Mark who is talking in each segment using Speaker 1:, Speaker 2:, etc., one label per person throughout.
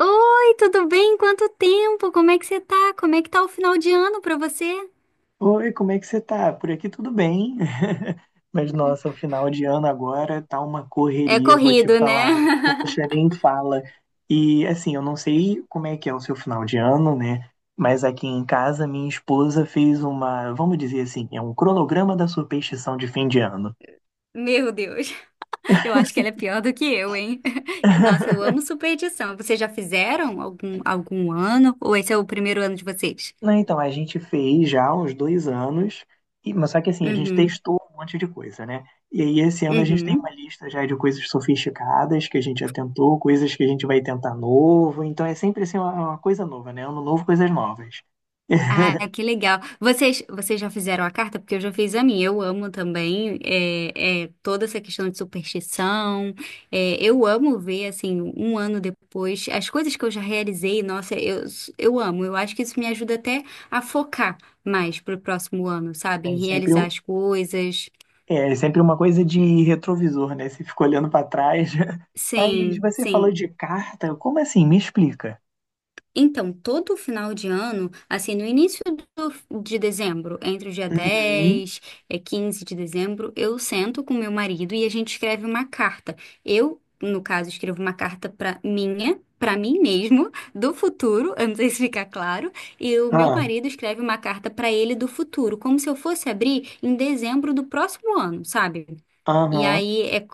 Speaker 1: Oi, tudo bem? Quanto tempo? Como é que você tá? Como é que tá o final de ano pra você?
Speaker 2: Oi, como é que você tá? Por aqui tudo bem. Mas nossa, o final de ano agora tá uma
Speaker 1: É
Speaker 2: correria, vou te
Speaker 1: corrido, né?
Speaker 2: falar. Poxa, nem fala. E assim, eu não sei como é que é o seu final de ano, né? Mas aqui em casa minha esposa fez uma, vamos dizer assim, é um cronograma da superstição de fim de ano.
Speaker 1: Meu Deus, eu acho que ela é pior do que eu, hein? Nossa, eu amo superstição. Vocês já fizeram algum ano? Ou esse é o primeiro ano de vocês?
Speaker 2: Não, então, a gente fez já há uns 2 anos, mas só que assim, a gente
Speaker 1: Uhum,
Speaker 2: testou um monte de coisa, né? E aí esse ano a gente tem
Speaker 1: uhum.
Speaker 2: uma lista já de coisas sofisticadas que a gente já tentou, coisas que a gente vai tentar novo, então é sempre assim uma coisa nova, né? Ano novo, coisas novas.
Speaker 1: Ah, que legal. Vocês já fizeram a carta? Porque eu já fiz a minha. Eu amo também toda essa questão de superstição. É, eu amo ver, assim, um ano depois, as coisas que eu já realizei. Eu amo. Eu acho que isso me ajuda até a focar mais pro próximo ano, sabe? Em
Speaker 2: É sempre,
Speaker 1: realizar as coisas.
Speaker 2: é sempre uma coisa de retrovisor, né? Você fica olhando para trás. Mas
Speaker 1: Sim,
Speaker 2: você falou
Speaker 1: sim.
Speaker 2: de carta, como assim? Me explica.
Speaker 1: Então, todo final de ano, assim, no início de dezembro, entre o dia
Speaker 2: Uhum.
Speaker 1: dez e 15 de dezembro, eu sento com meu marido e a gente escreve uma carta. Eu, no caso, escrevo uma carta para para mim mesmo, do futuro, eu não sei se fica claro, e o meu
Speaker 2: Ah,
Speaker 1: marido escreve uma carta para ele do futuro, como se eu fosse abrir em dezembro do próximo ano, sabe? E
Speaker 2: aham,
Speaker 1: aí é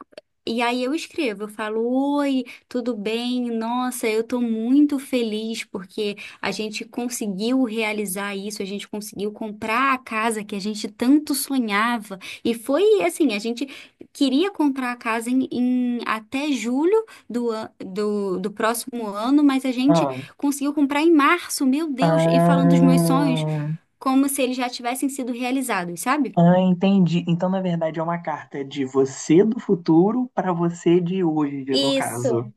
Speaker 1: E aí eu escrevo, eu falo, oi, tudo bem? Nossa, eu tô muito feliz porque a gente conseguiu realizar isso, a gente conseguiu comprar a casa que a gente tanto sonhava. E foi assim, a gente queria comprar a casa em, em até julho do próximo ano, mas a gente
Speaker 2: ah,
Speaker 1: conseguiu comprar em março, meu Deus, e falando dos meus sonhos
Speaker 2: ah.
Speaker 1: como se eles já tivessem sido realizados, sabe?
Speaker 2: Ah, entendi. Então, na verdade, é uma carta de você do futuro para você de hoje, no caso.
Speaker 1: Isso,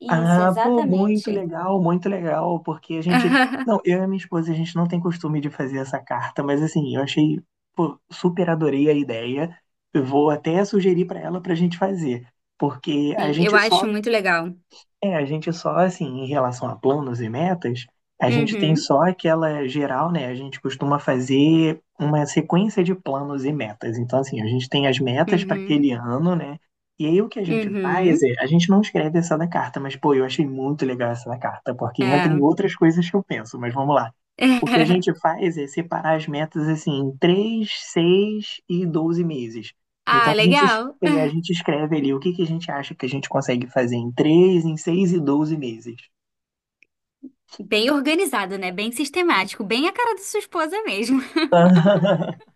Speaker 1: isso,
Speaker 2: Ah, pô,
Speaker 1: exatamente.
Speaker 2: muito legal, porque a gente. Não, eu e minha esposa, a gente não tem costume de fazer essa carta, mas assim, eu achei, pô, super adorei a ideia. Eu vou até sugerir para ela para a gente fazer, porque
Speaker 1: Sim, eu acho muito legal.
Speaker 2: a gente só, assim, em relação a planos e metas, a gente tem
Speaker 1: Uhum,
Speaker 2: só aquela geral, né? A gente costuma fazer uma sequência de planos e metas. Então, assim, a gente tem as metas para
Speaker 1: uhum,
Speaker 2: aquele ano, né? E aí o que a gente faz
Speaker 1: uhum.
Speaker 2: é, a gente não escreve essa da carta, mas, pô, eu achei muito legal essa da carta, porque entra em
Speaker 1: É.
Speaker 2: outras coisas que eu penso, mas vamos lá. O que a gente faz é separar as metas, assim, em 3, 6 e 12 meses. Então,
Speaker 1: Ah,
Speaker 2: a gente
Speaker 1: legal.
Speaker 2: E a gente escreve ali o que, que a gente acha que a gente consegue fazer em três em seis e 12 meses.
Speaker 1: Bem organizado, né? Bem sistemático, bem a cara da sua esposa mesmo.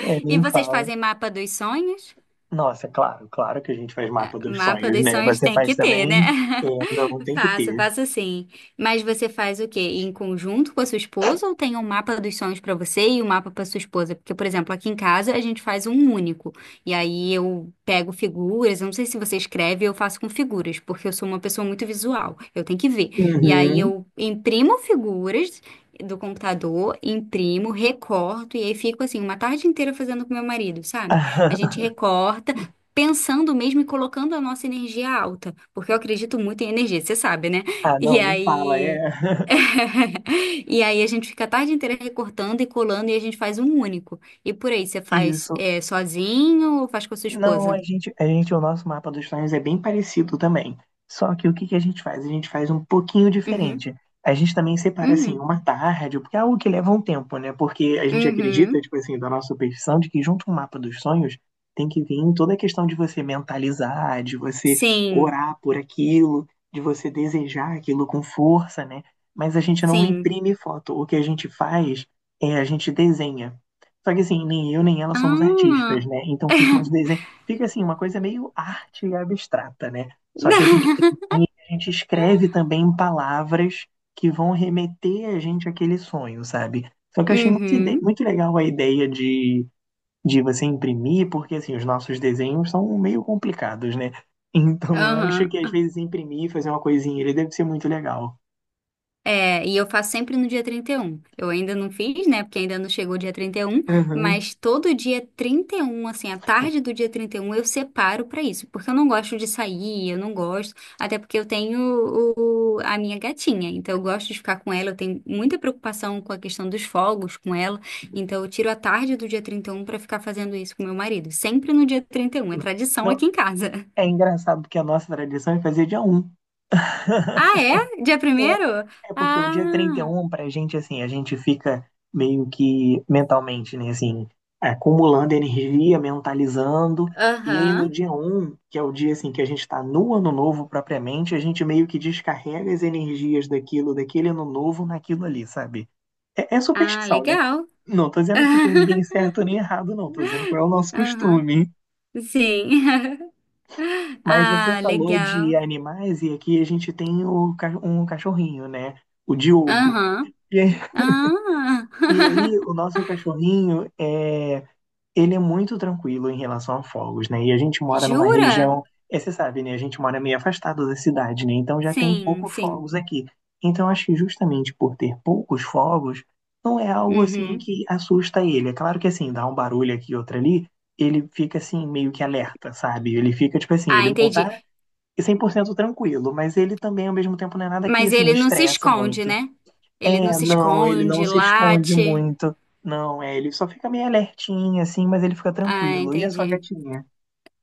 Speaker 2: É,
Speaker 1: E
Speaker 2: nem
Speaker 1: vocês
Speaker 2: fala.
Speaker 1: fazem mapa dos sonhos?
Speaker 2: Nossa, claro, claro que a gente faz mapa dos
Speaker 1: Uma
Speaker 2: sonhos, né?
Speaker 1: produção a gente
Speaker 2: Você
Speaker 1: tem
Speaker 2: faz
Speaker 1: que
Speaker 2: também?
Speaker 1: ter, né?
Speaker 2: É, não, tem que
Speaker 1: Faço,
Speaker 2: ter.
Speaker 1: faço sim. Mas você faz o quê? Em conjunto com a sua esposa ou tem um mapa dos sonhos para você e um mapa para sua esposa? Porque, por exemplo, aqui em casa a gente faz um único. E aí eu pego figuras, eu não sei se você escreve, eu faço com figuras, porque eu sou uma pessoa muito visual. Eu tenho que ver. E aí
Speaker 2: Uhum.
Speaker 1: eu imprimo figuras do computador, imprimo, recorto e aí fico assim uma tarde inteira fazendo com meu marido, sabe? A gente recorta pensando mesmo e colocando a nossa energia alta, porque eu acredito muito em energia, você sabe, né?
Speaker 2: Ah,
Speaker 1: E
Speaker 2: não, nem fala,
Speaker 1: aí.
Speaker 2: é.
Speaker 1: E aí a gente fica a tarde inteira recortando e colando e a gente faz um único. E por aí, você faz
Speaker 2: Isso.
Speaker 1: é, sozinho ou faz com a sua
Speaker 2: Não,
Speaker 1: esposa?
Speaker 2: o nosso mapa dos sonhos é bem parecido também. Só que o que que a gente faz? A gente faz um pouquinho
Speaker 1: Uhum,
Speaker 2: diferente. A gente também separa assim
Speaker 1: uhum,
Speaker 2: uma tarde, porque é algo que leva um tempo, né? Porque a gente acredita,
Speaker 1: uhum.
Speaker 2: tipo assim, da nossa superstição de que junto com o mapa dos sonhos tem que vir toda a questão de você mentalizar, de você
Speaker 1: Sim,
Speaker 2: orar por aquilo, de você desejar aquilo com força, né? Mas a gente não
Speaker 1: sim.
Speaker 2: imprime foto. O que a gente faz é a gente desenha. Só que assim, nem eu nem ela somos
Speaker 1: Ah.
Speaker 2: artistas, né? Então ficam os desenhos fica assim, uma coisa meio arte abstrata, né? Só que a gente, a gente escreve também em palavras que vão remeter a gente àquele sonho, sabe? Só que eu achei muito,
Speaker 1: Uhum,
Speaker 2: muito legal a ideia de você imprimir, porque assim, os nossos desenhos são meio complicados, né? Então eu acho que às
Speaker 1: aham.
Speaker 2: vezes imprimir, fazer uma coisinha, ele deve ser muito legal.
Speaker 1: É, e eu faço sempre no dia 31. Eu ainda não fiz, né? Porque ainda não chegou o dia 31.
Speaker 2: Uhum.
Speaker 1: Mas todo dia 31, assim, a tarde do dia 31 eu separo pra isso, porque eu não gosto de sair, eu não gosto, até porque eu tenho a minha gatinha, então eu gosto de ficar com ela, eu tenho muita preocupação com a questão dos fogos com ela, então eu tiro a tarde do dia 31 pra ficar fazendo isso com meu marido, sempre no dia 31. É tradição
Speaker 2: Não,
Speaker 1: aqui em casa.
Speaker 2: é engraçado porque a nossa tradição é fazer dia um.
Speaker 1: Ah, é? Dia primeiro?
Speaker 2: É porque o dia
Speaker 1: Ah,
Speaker 2: 31, pra gente, assim, a gente fica meio que mentalmente, né, assim, acumulando energia, mentalizando. E aí no
Speaker 1: aham.
Speaker 2: dia um que é o dia, assim, que a gente tá no ano novo propriamente, a gente meio que descarrega as energias daquilo, daquele ano novo naquilo ali, sabe? É, é
Speaker 1: Ah,
Speaker 2: superstição, né?
Speaker 1: legal.
Speaker 2: Não tô dizendo que tem ninguém certo nem errado, não. Tô dizendo qual é o nosso
Speaker 1: Aham,
Speaker 2: costume.
Speaker 1: sim.
Speaker 2: Mas você
Speaker 1: Ah,
Speaker 2: falou de
Speaker 1: legal.
Speaker 2: animais e aqui a gente tem um cachorrinho, né? O Diogo.
Speaker 1: Aham.
Speaker 2: E
Speaker 1: Ah,
Speaker 2: E aí, o nosso cachorrinho, é, ele é muito tranquilo em relação a fogos, né? E a gente mora numa
Speaker 1: jura?
Speaker 2: região, é, você sabe, né? A gente mora meio afastado da cidade, né? Então já tem
Speaker 1: Sim,
Speaker 2: poucos
Speaker 1: sim.
Speaker 2: fogos aqui. Então acho que justamente por ter poucos fogos, não é algo assim
Speaker 1: Uhum.
Speaker 2: que assusta ele. É claro que assim, dá um barulho aqui e outro ali, ele fica assim meio que alerta, sabe? Ele fica tipo assim,
Speaker 1: Ah,
Speaker 2: ele não
Speaker 1: entendi.
Speaker 2: tá 100% tranquilo, mas ele também ao mesmo tempo não é nada que
Speaker 1: Mas
Speaker 2: assim
Speaker 1: ele não se
Speaker 2: estressa
Speaker 1: esconde,
Speaker 2: muito.
Speaker 1: né? Ele não
Speaker 2: É,
Speaker 1: se
Speaker 2: não, ele não
Speaker 1: esconde,
Speaker 2: se esconde
Speaker 1: late.
Speaker 2: muito. Não, é, ele só fica meio alertinho, assim, mas ele fica
Speaker 1: Ah,
Speaker 2: tranquilo. E a sua
Speaker 1: entendi.
Speaker 2: gatinha?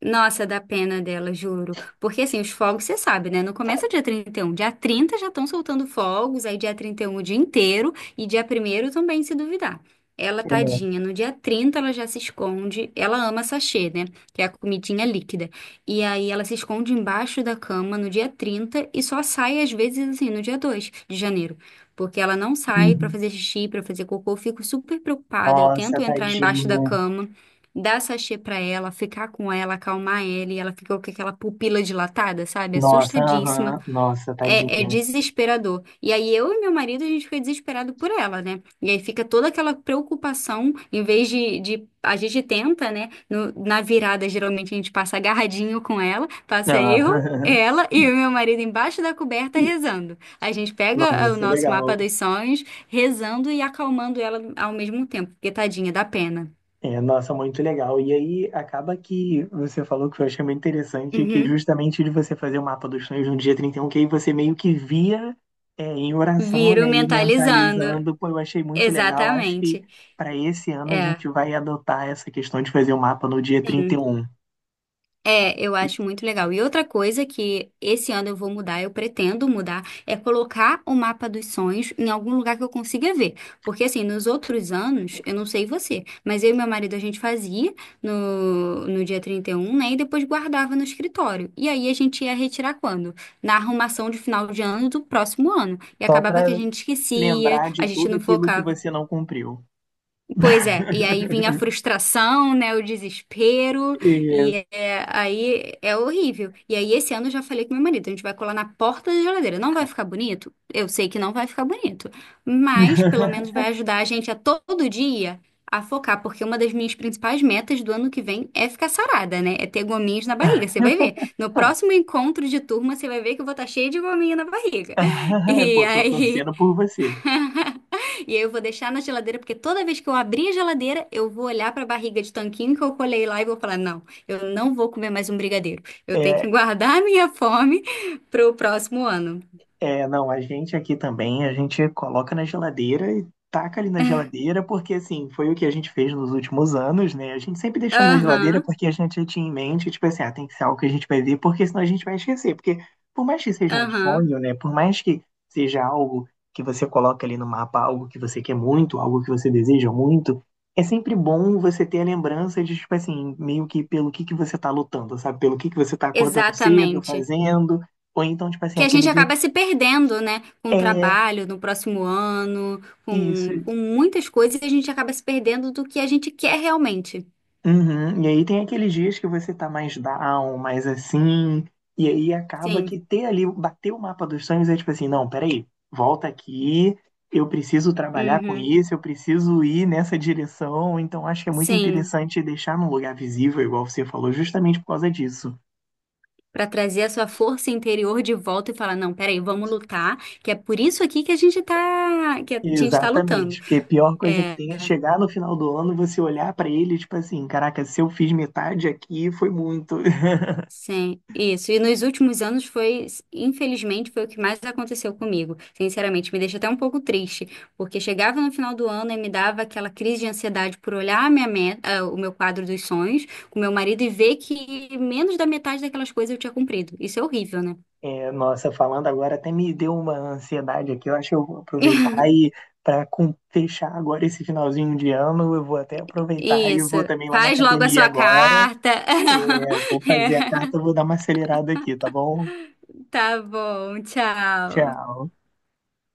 Speaker 1: Nossa, dá pena dela, juro. Porque assim, os fogos, você sabe, né? Não começa dia 31, dia 30 já estão soltando fogos, aí dia 31 o dia inteiro e dia primeiro também, se duvidar. Ela, tadinha, no dia 30, ela já se esconde. Ela ama sachê, né? Que é a comidinha líquida. E aí ela se esconde embaixo da cama no dia 30 e só sai às vezes assim no dia 2 de janeiro. Porque ela não sai pra
Speaker 2: Uhum.
Speaker 1: fazer xixi, pra fazer cocô. Eu fico super preocupada. Eu
Speaker 2: Nossa,
Speaker 1: tento entrar embaixo da
Speaker 2: tadinha.
Speaker 1: cama dar sachê pra ela, ficar com ela, acalmar ela, e ela ficou com aquela pupila dilatada, sabe?
Speaker 2: Nossa,
Speaker 1: Assustadíssima.
Speaker 2: aham. Nossa,
Speaker 1: É, é
Speaker 2: tadinha.
Speaker 1: desesperador. E aí eu e meu marido, a gente fica desesperado por ela, né? E aí fica toda aquela preocupação, em vez de a gente tenta, né? Na virada, geralmente a gente passa agarradinho com ela, passa
Speaker 2: Ah,
Speaker 1: eu. Ela e o meu marido embaixo da coberta rezando. A gente pega ah, o
Speaker 2: Nossa,
Speaker 1: nosso mapa
Speaker 2: legal.
Speaker 1: dos sonhos, rezando e acalmando ela ao mesmo tempo, porque tadinha, dá pena.
Speaker 2: É, nossa, muito legal. E aí acaba que você falou que eu achei muito interessante que
Speaker 1: Uhum.
Speaker 2: justamente de você fazer o mapa dos sonhos no dia 31 que aí você meio que via é, em oração,
Speaker 1: Viro
Speaker 2: né, e
Speaker 1: mentalizando.
Speaker 2: mentalizando. Pô, eu achei muito legal. Acho que
Speaker 1: Exatamente.
Speaker 2: para esse ano a gente
Speaker 1: É,
Speaker 2: vai adotar essa questão de fazer o mapa no dia
Speaker 1: sim.
Speaker 2: 31.
Speaker 1: É, eu
Speaker 2: E um,
Speaker 1: acho
Speaker 2: e
Speaker 1: muito legal. E outra coisa que esse ano eu vou mudar, eu pretendo mudar, é colocar o mapa dos sonhos em algum lugar que eu consiga ver. Porque assim, nos outros anos, eu não sei você, mas eu e meu marido a gente fazia no dia 31, né? E depois guardava no escritório. E aí a gente ia retirar quando? Na arrumação de final de ano do próximo ano. E
Speaker 2: Só
Speaker 1: acabava que a
Speaker 2: para
Speaker 1: gente esquecia,
Speaker 2: lembrar de
Speaker 1: a gente
Speaker 2: tudo
Speaker 1: não
Speaker 2: aquilo que
Speaker 1: focava.
Speaker 2: você não cumpriu.
Speaker 1: Pois é, e aí vinha a frustração, né, o desespero,
Speaker 2: E...
Speaker 1: aí é horrível. E aí esse ano eu já falei com meu marido, a gente vai colar na porta da geladeira. Não vai ficar bonito? Eu sei que não vai ficar bonito, mas pelo menos vai ajudar a gente a todo dia a focar, porque uma das minhas principais metas do ano que vem é ficar sarada, né? É ter gominhos na barriga, você vai ver. No próximo encontro de turma, você vai ver que eu vou estar cheia de gominho na barriga. E
Speaker 2: Pô, tô
Speaker 1: aí
Speaker 2: torcendo por você.
Speaker 1: E aí eu vou deixar na geladeira, porque toda vez que eu abrir a geladeira, eu vou olhar para a barriga de tanquinho que eu colei lá e vou falar: não, eu não vou comer mais um brigadeiro. Eu tenho que
Speaker 2: É,
Speaker 1: guardar a minha fome para o próximo ano.
Speaker 2: É, não, a gente aqui também, a gente coloca na geladeira e taca ali na geladeira, porque assim, foi o que a gente fez nos últimos anos, né? A gente sempre deixou na geladeira
Speaker 1: Aham,
Speaker 2: porque a gente tinha em mente, tipo assim, ah, tem que ser algo que a gente vai ver, porque senão a gente vai esquecer. Porque por mais que seja um
Speaker 1: aham,
Speaker 2: sonho, né? Por mais que seja algo que você coloca ali no mapa, algo que você quer muito, algo que você deseja muito, é sempre bom você ter a lembrança de, tipo assim, meio que pelo que você tá lutando, sabe? Pelo que você tá acordando cedo,
Speaker 1: exatamente.
Speaker 2: fazendo. Ou então, tipo assim,
Speaker 1: Que a
Speaker 2: aquele
Speaker 1: gente
Speaker 2: dia
Speaker 1: acaba se perdendo, né? Com o
Speaker 2: é,
Speaker 1: trabalho no próximo ano,
Speaker 2: isso.
Speaker 1: com muitas coisas, a gente acaba se perdendo do que a gente quer realmente.
Speaker 2: Uhum. E aí tem aqueles dias que você tá mais down, mais assim, e aí acaba que
Speaker 1: Sim,
Speaker 2: ter ali, bater o mapa dos sonhos é tipo assim, não, peraí, volta aqui, eu preciso trabalhar com
Speaker 1: uhum,
Speaker 2: isso, eu preciso ir nessa direção, então acho que é muito
Speaker 1: sim.
Speaker 2: interessante deixar num lugar visível, igual você falou, justamente por causa disso.
Speaker 1: Pra trazer a sua força interior de volta e falar, não, peraí, vamos lutar, que é por isso aqui que a gente tá, que a gente tá lutando.
Speaker 2: Exatamente, porque a pior coisa que
Speaker 1: É,
Speaker 2: tem é chegar no final do ano, você olhar pra ele, tipo assim, caraca, se eu fiz metade aqui, foi muito.
Speaker 1: sim, isso. E nos últimos anos foi, infelizmente, foi o que mais aconteceu comigo. Sinceramente, me deixa até um pouco triste, porque chegava no final do ano e me dava aquela crise de ansiedade por olhar a minha meta, ah, o meu quadro dos sonhos com meu marido e ver que menos da metade daquelas coisas eu tinha cumprido. Isso é horrível, né?
Speaker 2: É, nossa, falando agora até me deu uma ansiedade aqui. Eu acho que eu vou aproveitar e para fechar agora esse finalzinho de ano, eu vou até aproveitar e eu
Speaker 1: Isso.
Speaker 2: vou também lá na
Speaker 1: Faz logo a
Speaker 2: academia
Speaker 1: sua
Speaker 2: agora.
Speaker 1: carta.
Speaker 2: É, vou fazer a
Speaker 1: É.
Speaker 2: carta, vou dar uma acelerada aqui, tá bom?
Speaker 1: Tá bom, tchau.
Speaker 2: Tchau.